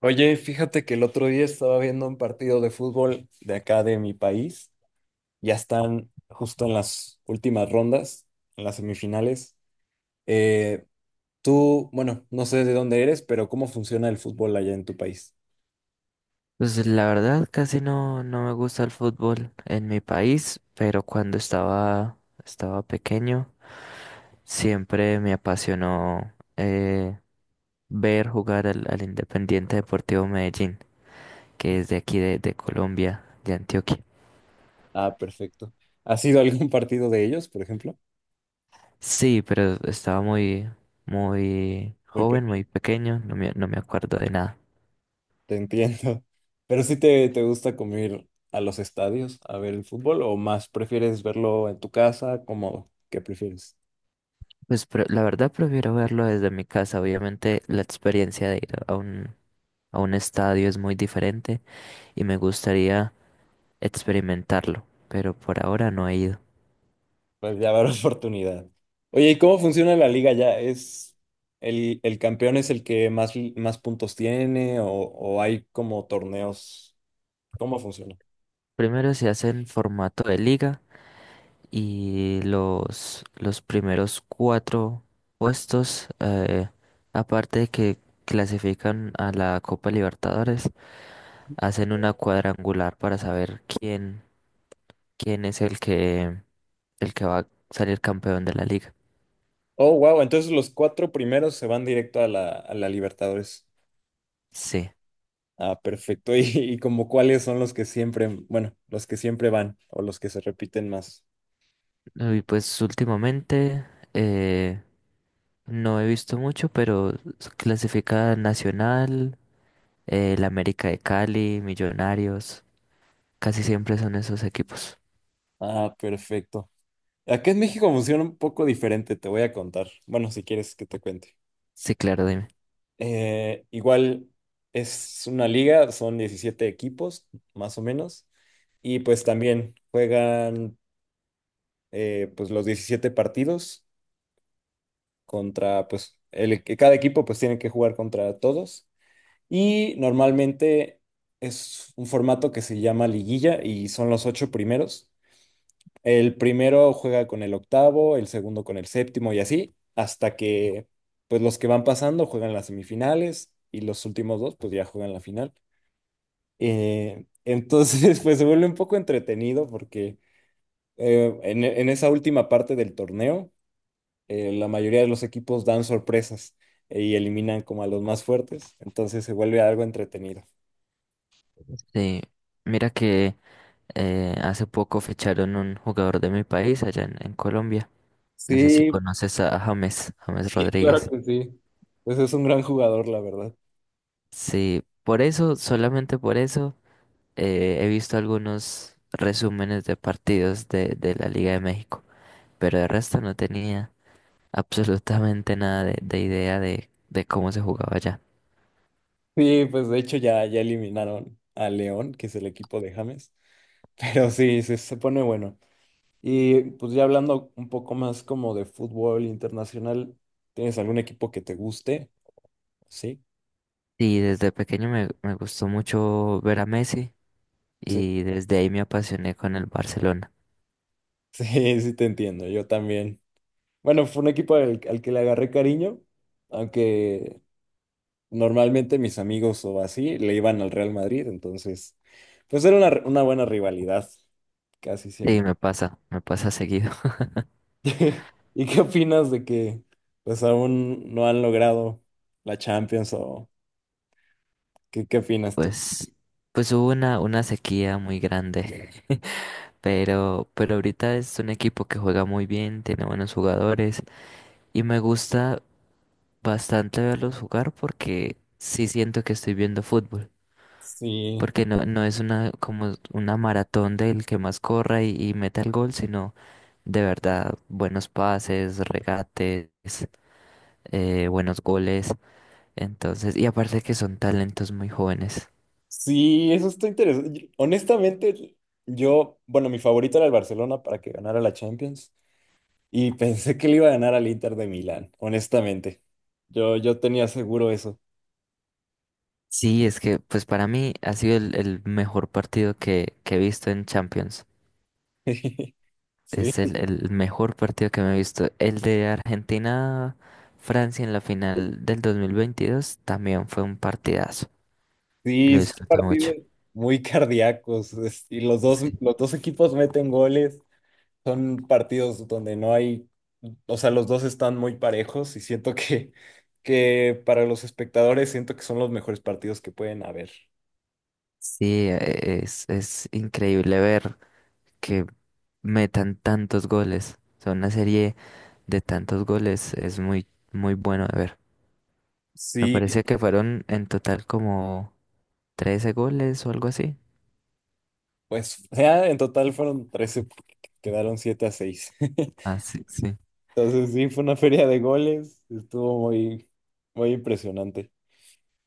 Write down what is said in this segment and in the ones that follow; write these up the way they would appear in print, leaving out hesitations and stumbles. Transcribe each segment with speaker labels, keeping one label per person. Speaker 1: Oye, fíjate que el otro día estaba viendo un partido de fútbol de acá de mi país. Ya están justo en las últimas rondas, en las semifinales. Eh, tú, bueno, no sé de dónde eres, pero ¿cómo funciona el fútbol allá en tu país?
Speaker 2: Pues la verdad casi no, no me gusta el fútbol en mi país, pero estaba pequeño, siempre me apasionó ver jugar al Independiente Deportivo Medellín, que es de aquí de Colombia, de Antioquia.
Speaker 1: Ah, perfecto. ¿Has ido a algún partido de ellos, por ejemplo?
Speaker 2: Sí, pero estaba muy
Speaker 1: Muy
Speaker 2: joven,
Speaker 1: pequeño.
Speaker 2: muy pequeño, no me acuerdo de nada.
Speaker 1: Te entiendo. Pero sí te gusta como ir a los estadios a ver el fútbol o más prefieres verlo en tu casa, ¿cómodo? ¿Qué prefieres?
Speaker 2: La verdad prefiero verlo desde mi casa. Obviamente la experiencia de ir a un estadio es muy diferente y me gustaría experimentarlo, pero por ahora no he ido.
Speaker 1: Pues ya habrá oportunidad. Oye, ¿y cómo funciona la liga ya? ¿Es el campeón es el que más puntos tiene o hay como torneos? ¿Cómo funciona?
Speaker 2: Primero se hace en formato de liga y los primeros cuatro puestos, aparte de que clasifican a la Copa Libertadores, hacen una cuadrangular para saber quién es el que va a salir campeón de la liga.
Speaker 1: Oh, wow, entonces los cuatro primeros se van directo a la Libertadores.
Speaker 2: Sí.
Speaker 1: Ah, perfecto. ¿Y como cuáles son los que siempre, bueno, los que siempre van o los que se repiten más?
Speaker 2: Y pues últimamente eh, no he visto mucho, pero clasifica Nacional, el América de Cali, Millonarios, casi siempre son esos equipos.
Speaker 1: Ah, perfecto. Acá en México funciona un poco diferente, te voy a contar. Bueno, si quieres que te cuente.
Speaker 2: Sí, claro, dime.
Speaker 1: Igual es una liga, son 17 equipos, más o menos, y pues también juegan pues los 17 partidos contra, pues que cada equipo pues tiene que jugar contra todos, y normalmente es un formato que se llama liguilla y son los ocho primeros. El primero juega con el octavo, el segundo con el séptimo y así, hasta que pues los que van pasando juegan las semifinales y los últimos dos pues ya juegan la final. Entonces, pues se vuelve un poco entretenido porque en esa última parte del torneo, la mayoría de los equipos dan sorpresas y eliminan como a los más fuertes, entonces se vuelve algo entretenido.
Speaker 2: Sí, mira que hace poco ficharon un jugador de mi país allá en Colombia. No sé si
Speaker 1: Sí,
Speaker 2: conoces a James
Speaker 1: sí, claro
Speaker 2: Rodríguez.
Speaker 1: que sí. Pues es un gran jugador, la verdad.
Speaker 2: Sí, por eso, solamente por eso, he visto algunos resúmenes de partidos de la Liga de México, pero de resto no tenía absolutamente nada de idea de cómo se jugaba allá.
Speaker 1: Sí, pues de hecho ya eliminaron a León, que es el equipo de James, pero sí, se pone bueno. Y pues ya hablando un poco más como de fútbol internacional, ¿tienes algún equipo que te guste? Sí,
Speaker 2: Y desde pequeño me gustó mucho ver a Messi,
Speaker 1: sí,
Speaker 2: y desde ahí me apasioné con el Barcelona.
Speaker 1: sí, sí te entiendo, yo también. Bueno, fue un equipo al que le agarré cariño, aunque normalmente mis amigos o así le iban al Real Madrid, entonces, pues era una buena rivalidad, casi
Speaker 2: Sí,
Speaker 1: siempre.
Speaker 2: me pasa seguido.
Speaker 1: ¿Y qué opinas de que pues aún no han logrado la Champions o qué opinas tú?
Speaker 2: Pues, pues hubo una sequía muy grande, pero ahorita es un equipo que juega muy bien, tiene buenos jugadores y me gusta bastante verlos jugar porque sí siento que estoy viendo fútbol.
Speaker 1: Sí,
Speaker 2: Porque no es una como una maratón del que más corra y meta el gol, sino de verdad buenos pases, regates, buenos goles. Entonces, y aparte que son talentos muy jóvenes.
Speaker 1: sí, eso está interesante. Honestamente, yo, bueno, mi favorito era el Barcelona para que ganara la Champions. Y pensé que le iba a ganar al Inter de Milán, honestamente. Yo tenía seguro eso.
Speaker 2: Sí, es que pues para mí ha sido el mejor partido que he visto en Champions. Es
Speaker 1: Sí,
Speaker 2: el mejor partido que me he visto. El de Argentina-Francia en la final del 2022 también fue un partidazo. Lo
Speaker 1: sí, son
Speaker 2: disfruté mucho.
Speaker 1: partidos muy cardíacos. Y los dos equipos meten goles. Son partidos donde no hay, o sea, los dos están muy parejos y siento que para los espectadores siento que son los mejores partidos que pueden haber.
Speaker 2: Sí, es increíble ver que metan tantos goles. O sea, una serie de tantos goles es muy, muy bueno de ver. Me
Speaker 1: Sí,
Speaker 2: parece que fueron en total como 13 goles o algo así.
Speaker 1: pues ya en total fueron 13, porque quedaron 7-6.
Speaker 2: Ah, sí, sí.
Speaker 1: Entonces sí, fue una feria de goles, estuvo muy, muy impresionante.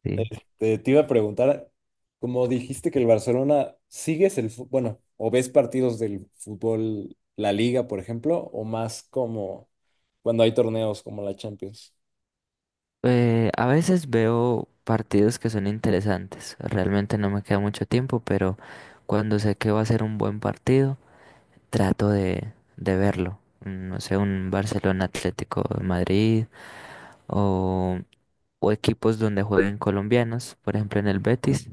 Speaker 2: Sí.
Speaker 1: Este, te iba a preguntar, como dijiste que el Barcelona, ¿sigues el fútbol, bueno, o ves partidos del fútbol, la Liga, por ejemplo, o más como cuando hay torneos como la Champions?
Speaker 2: A veces veo partidos que son interesantes. Realmente no me queda mucho tiempo, pero cuando sé que va a ser un buen partido, trato de verlo. No sé, un Barcelona Atlético de Madrid o, o equipos donde jueguen colombianos. Por ejemplo, en el Betis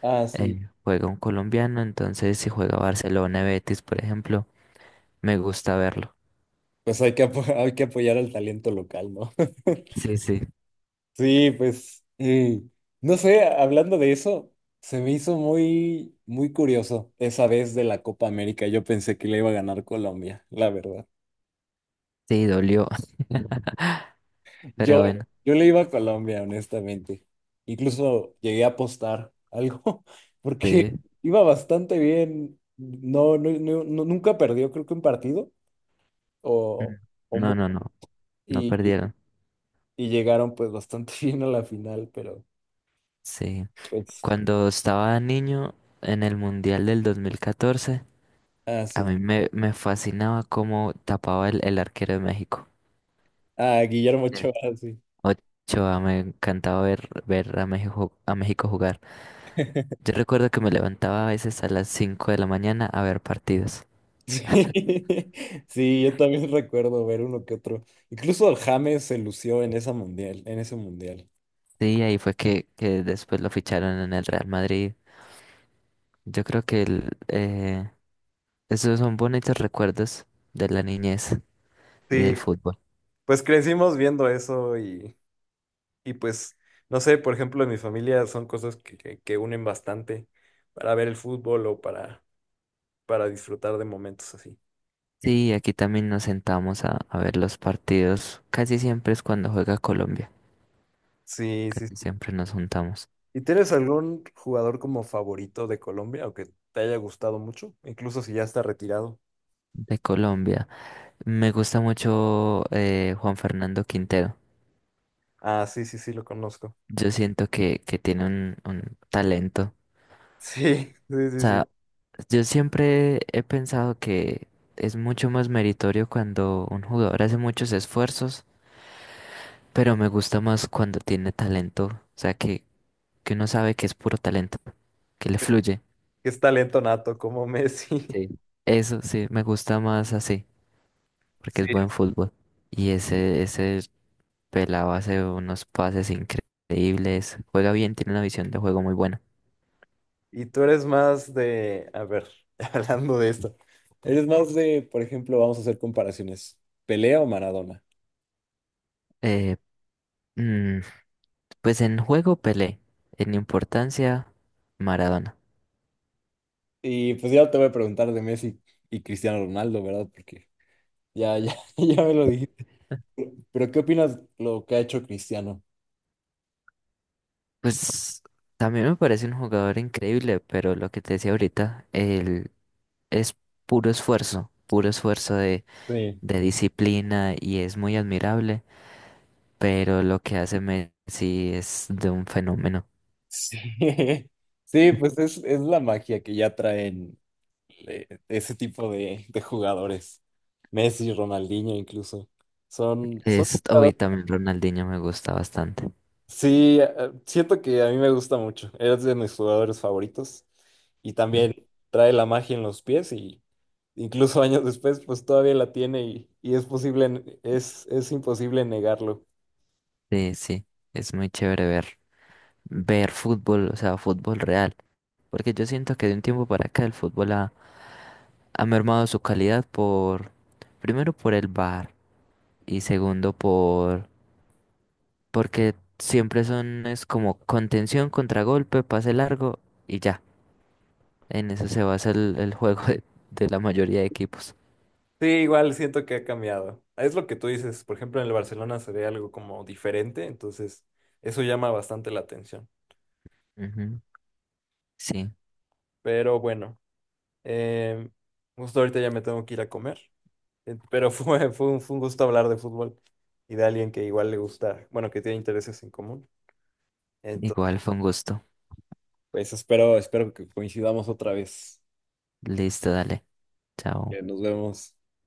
Speaker 1: Ah, sí.
Speaker 2: juega un colombiano. Entonces, si juega Barcelona Betis, por ejemplo, me gusta verlo.
Speaker 1: Pues hay que apoyar al talento local, ¿no?
Speaker 2: Sí, sí,
Speaker 1: Sí, pues, no sé, hablando de eso, se me hizo muy, muy curioso esa vez de la Copa América. Yo pensé que le iba a ganar Colombia, la verdad.
Speaker 2: sí, dolió. Pero
Speaker 1: Yo,
Speaker 2: bueno,
Speaker 1: yo le iba a Colombia, honestamente. Incluso llegué a apostar algo, porque
Speaker 2: sí.
Speaker 1: iba bastante bien. No, no, nunca perdió, creo que un partido,
Speaker 2: Mm.
Speaker 1: o, o
Speaker 2: No,
Speaker 1: mu-
Speaker 2: no, no, no
Speaker 1: y, y
Speaker 2: perdieron.
Speaker 1: y llegaron pues bastante bien a la final, pero
Speaker 2: Sí.
Speaker 1: pues,
Speaker 2: Cuando estaba niño, en el Mundial del 2014,
Speaker 1: así. Ah,
Speaker 2: a
Speaker 1: sí.
Speaker 2: mí me fascinaba cómo tapaba el arquero de México.
Speaker 1: Ah, Guillermo
Speaker 2: Eh.
Speaker 1: Ochoa, sí.
Speaker 2: Ochoa, me encantaba ver, ver a México jugar. Yo recuerdo que me levantaba a veces a las 5 de la mañana a ver partidos.
Speaker 1: Sí, sí, yo también recuerdo ver uno que otro. Incluso el James se lució en esa mundial, en ese mundial.
Speaker 2: Sí, ahí fue que después lo ficharon en el Real Madrid. Yo creo que el, esos son bonitos recuerdos de la niñez y del
Speaker 1: Sí,
Speaker 2: fútbol.
Speaker 1: pues crecimos viendo eso y pues, no sé, por ejemplo, en mi familia son cosas que unen bastante para ver el fútbol o para disfrutar de momentos así.
Speaker 2: Sí, aquí también nos sentamos a ver los partidos. Casi siempre es cuando juega Colombia.
Speaker 1: Sí, sí,
Speaker 2: Casi
Speaker 1: sí.
Speaker 2: siempre nos juntamos
Speaker 1: ¿Y tienes algún jugador como favorito de Colombia o que te haya gustado mucho? Incluso si ya está retirado.
Speaker 2: de Colombia. Me gusta mucho Juan Fernando Quintero.
Speaker 1: Ah, sí, sí, sí, lo conozco.
Speaker 2: Yo siento que tiene un talento.
Speaker 1: Sí, sí,
Speaker 2: O
Speaker 1: sí, sí.
Speaker 2: sea, yo siempre he pensado que es mucho más meritorio cuando un jugador hace muchos esfuerzos, pero me gusta más cuando tiene talento. O sea, que uno sabe que es puro talento, que le fluye.
Speaker 1: Que es talento nato como Messi.
Speaker 2: Sí. Eso sí, me gusta más así, porque
Speaker 1: Sí.
Speaker 2: es buen fútbol. Y ese Pelado hace unos pases increíbles. Juega bien, tiene una visión de juego muy buena.
Speaker 1: Y tú eres más de, a ver, hablando de esto, eres más de, por ejemplo, vamos a hacer comparaciones, ¿Pelea o Maradona?
Speaker 2: Eh, mm, pues en juego Pelé, en importancia Maradona.
Speaker 1: Y pues ya te voy a preguntar de Messi y Cristiano Ronaldo, ¿verdad? Porque ya, ya, ya me lo dijiste. Pero ¿qué opinas lo que ha hecho Cristiano?
Speaker 2: Pues también me parece un jugador increíble, pero lo que te decía ahorita, él es puro esfuerzo
Speaker 1: Sí.
Speaker 2: de disciplina, y es muy admirable, pero lo que hace Messi es de un fenómeno.
Speaker 1: Sí, sí, pues es la magia que ya traen ese tipo de jugadores. Messi, Ronaldinho incluso. Son
Speaker 2: Es, hoy
Speaker 1: jugadores.
Speaker 2: también Ronaldinho me gusta bastante.
Speaker 1: Sí, siento que a mí me gusta mucho. Es de mis jugadores favoritos. Y
Speaker 2: Mm.
Speaker 1: también trae la magia en los pies y incluso años después, pues todavía la tiene y es posible, es imposible negarlo.
Speaker 2: Sí, sí, es muy chévere ver, ver fútbol, o sea, fútbol real. Porque yo siento que de un tiempo para acá el fútbol ha, ha mermado su calidad por, primero por el bar, y segundo por, porque siempre son, es como contención, contragolpe, pase largo y ya. En eso se basa el juego de la mayoría de equipos.
Speaker 1: Sí, igual siento que ha cambiado. Es lo que tú dices, por ejemplo, en el Barcelona se ve algo como diferente, entonces eso llama bastante la atención.
Speaker 2: Ujú. Sí,
Speaker 1: Pero bueno, eh, justo ahorita ya me tengo que ir a comer. Pero fue un gusto hablar de fútbol y de alguien que igual le gusta, bueno, que tiene intereses en común. Entonces,
Speaker 2: igual fue un gusto.
Speaker 1: pues espero que coincidamos otra vez.
Speaker 2: Listo, dale. Chao.
Speaker 1: Que nos vemos.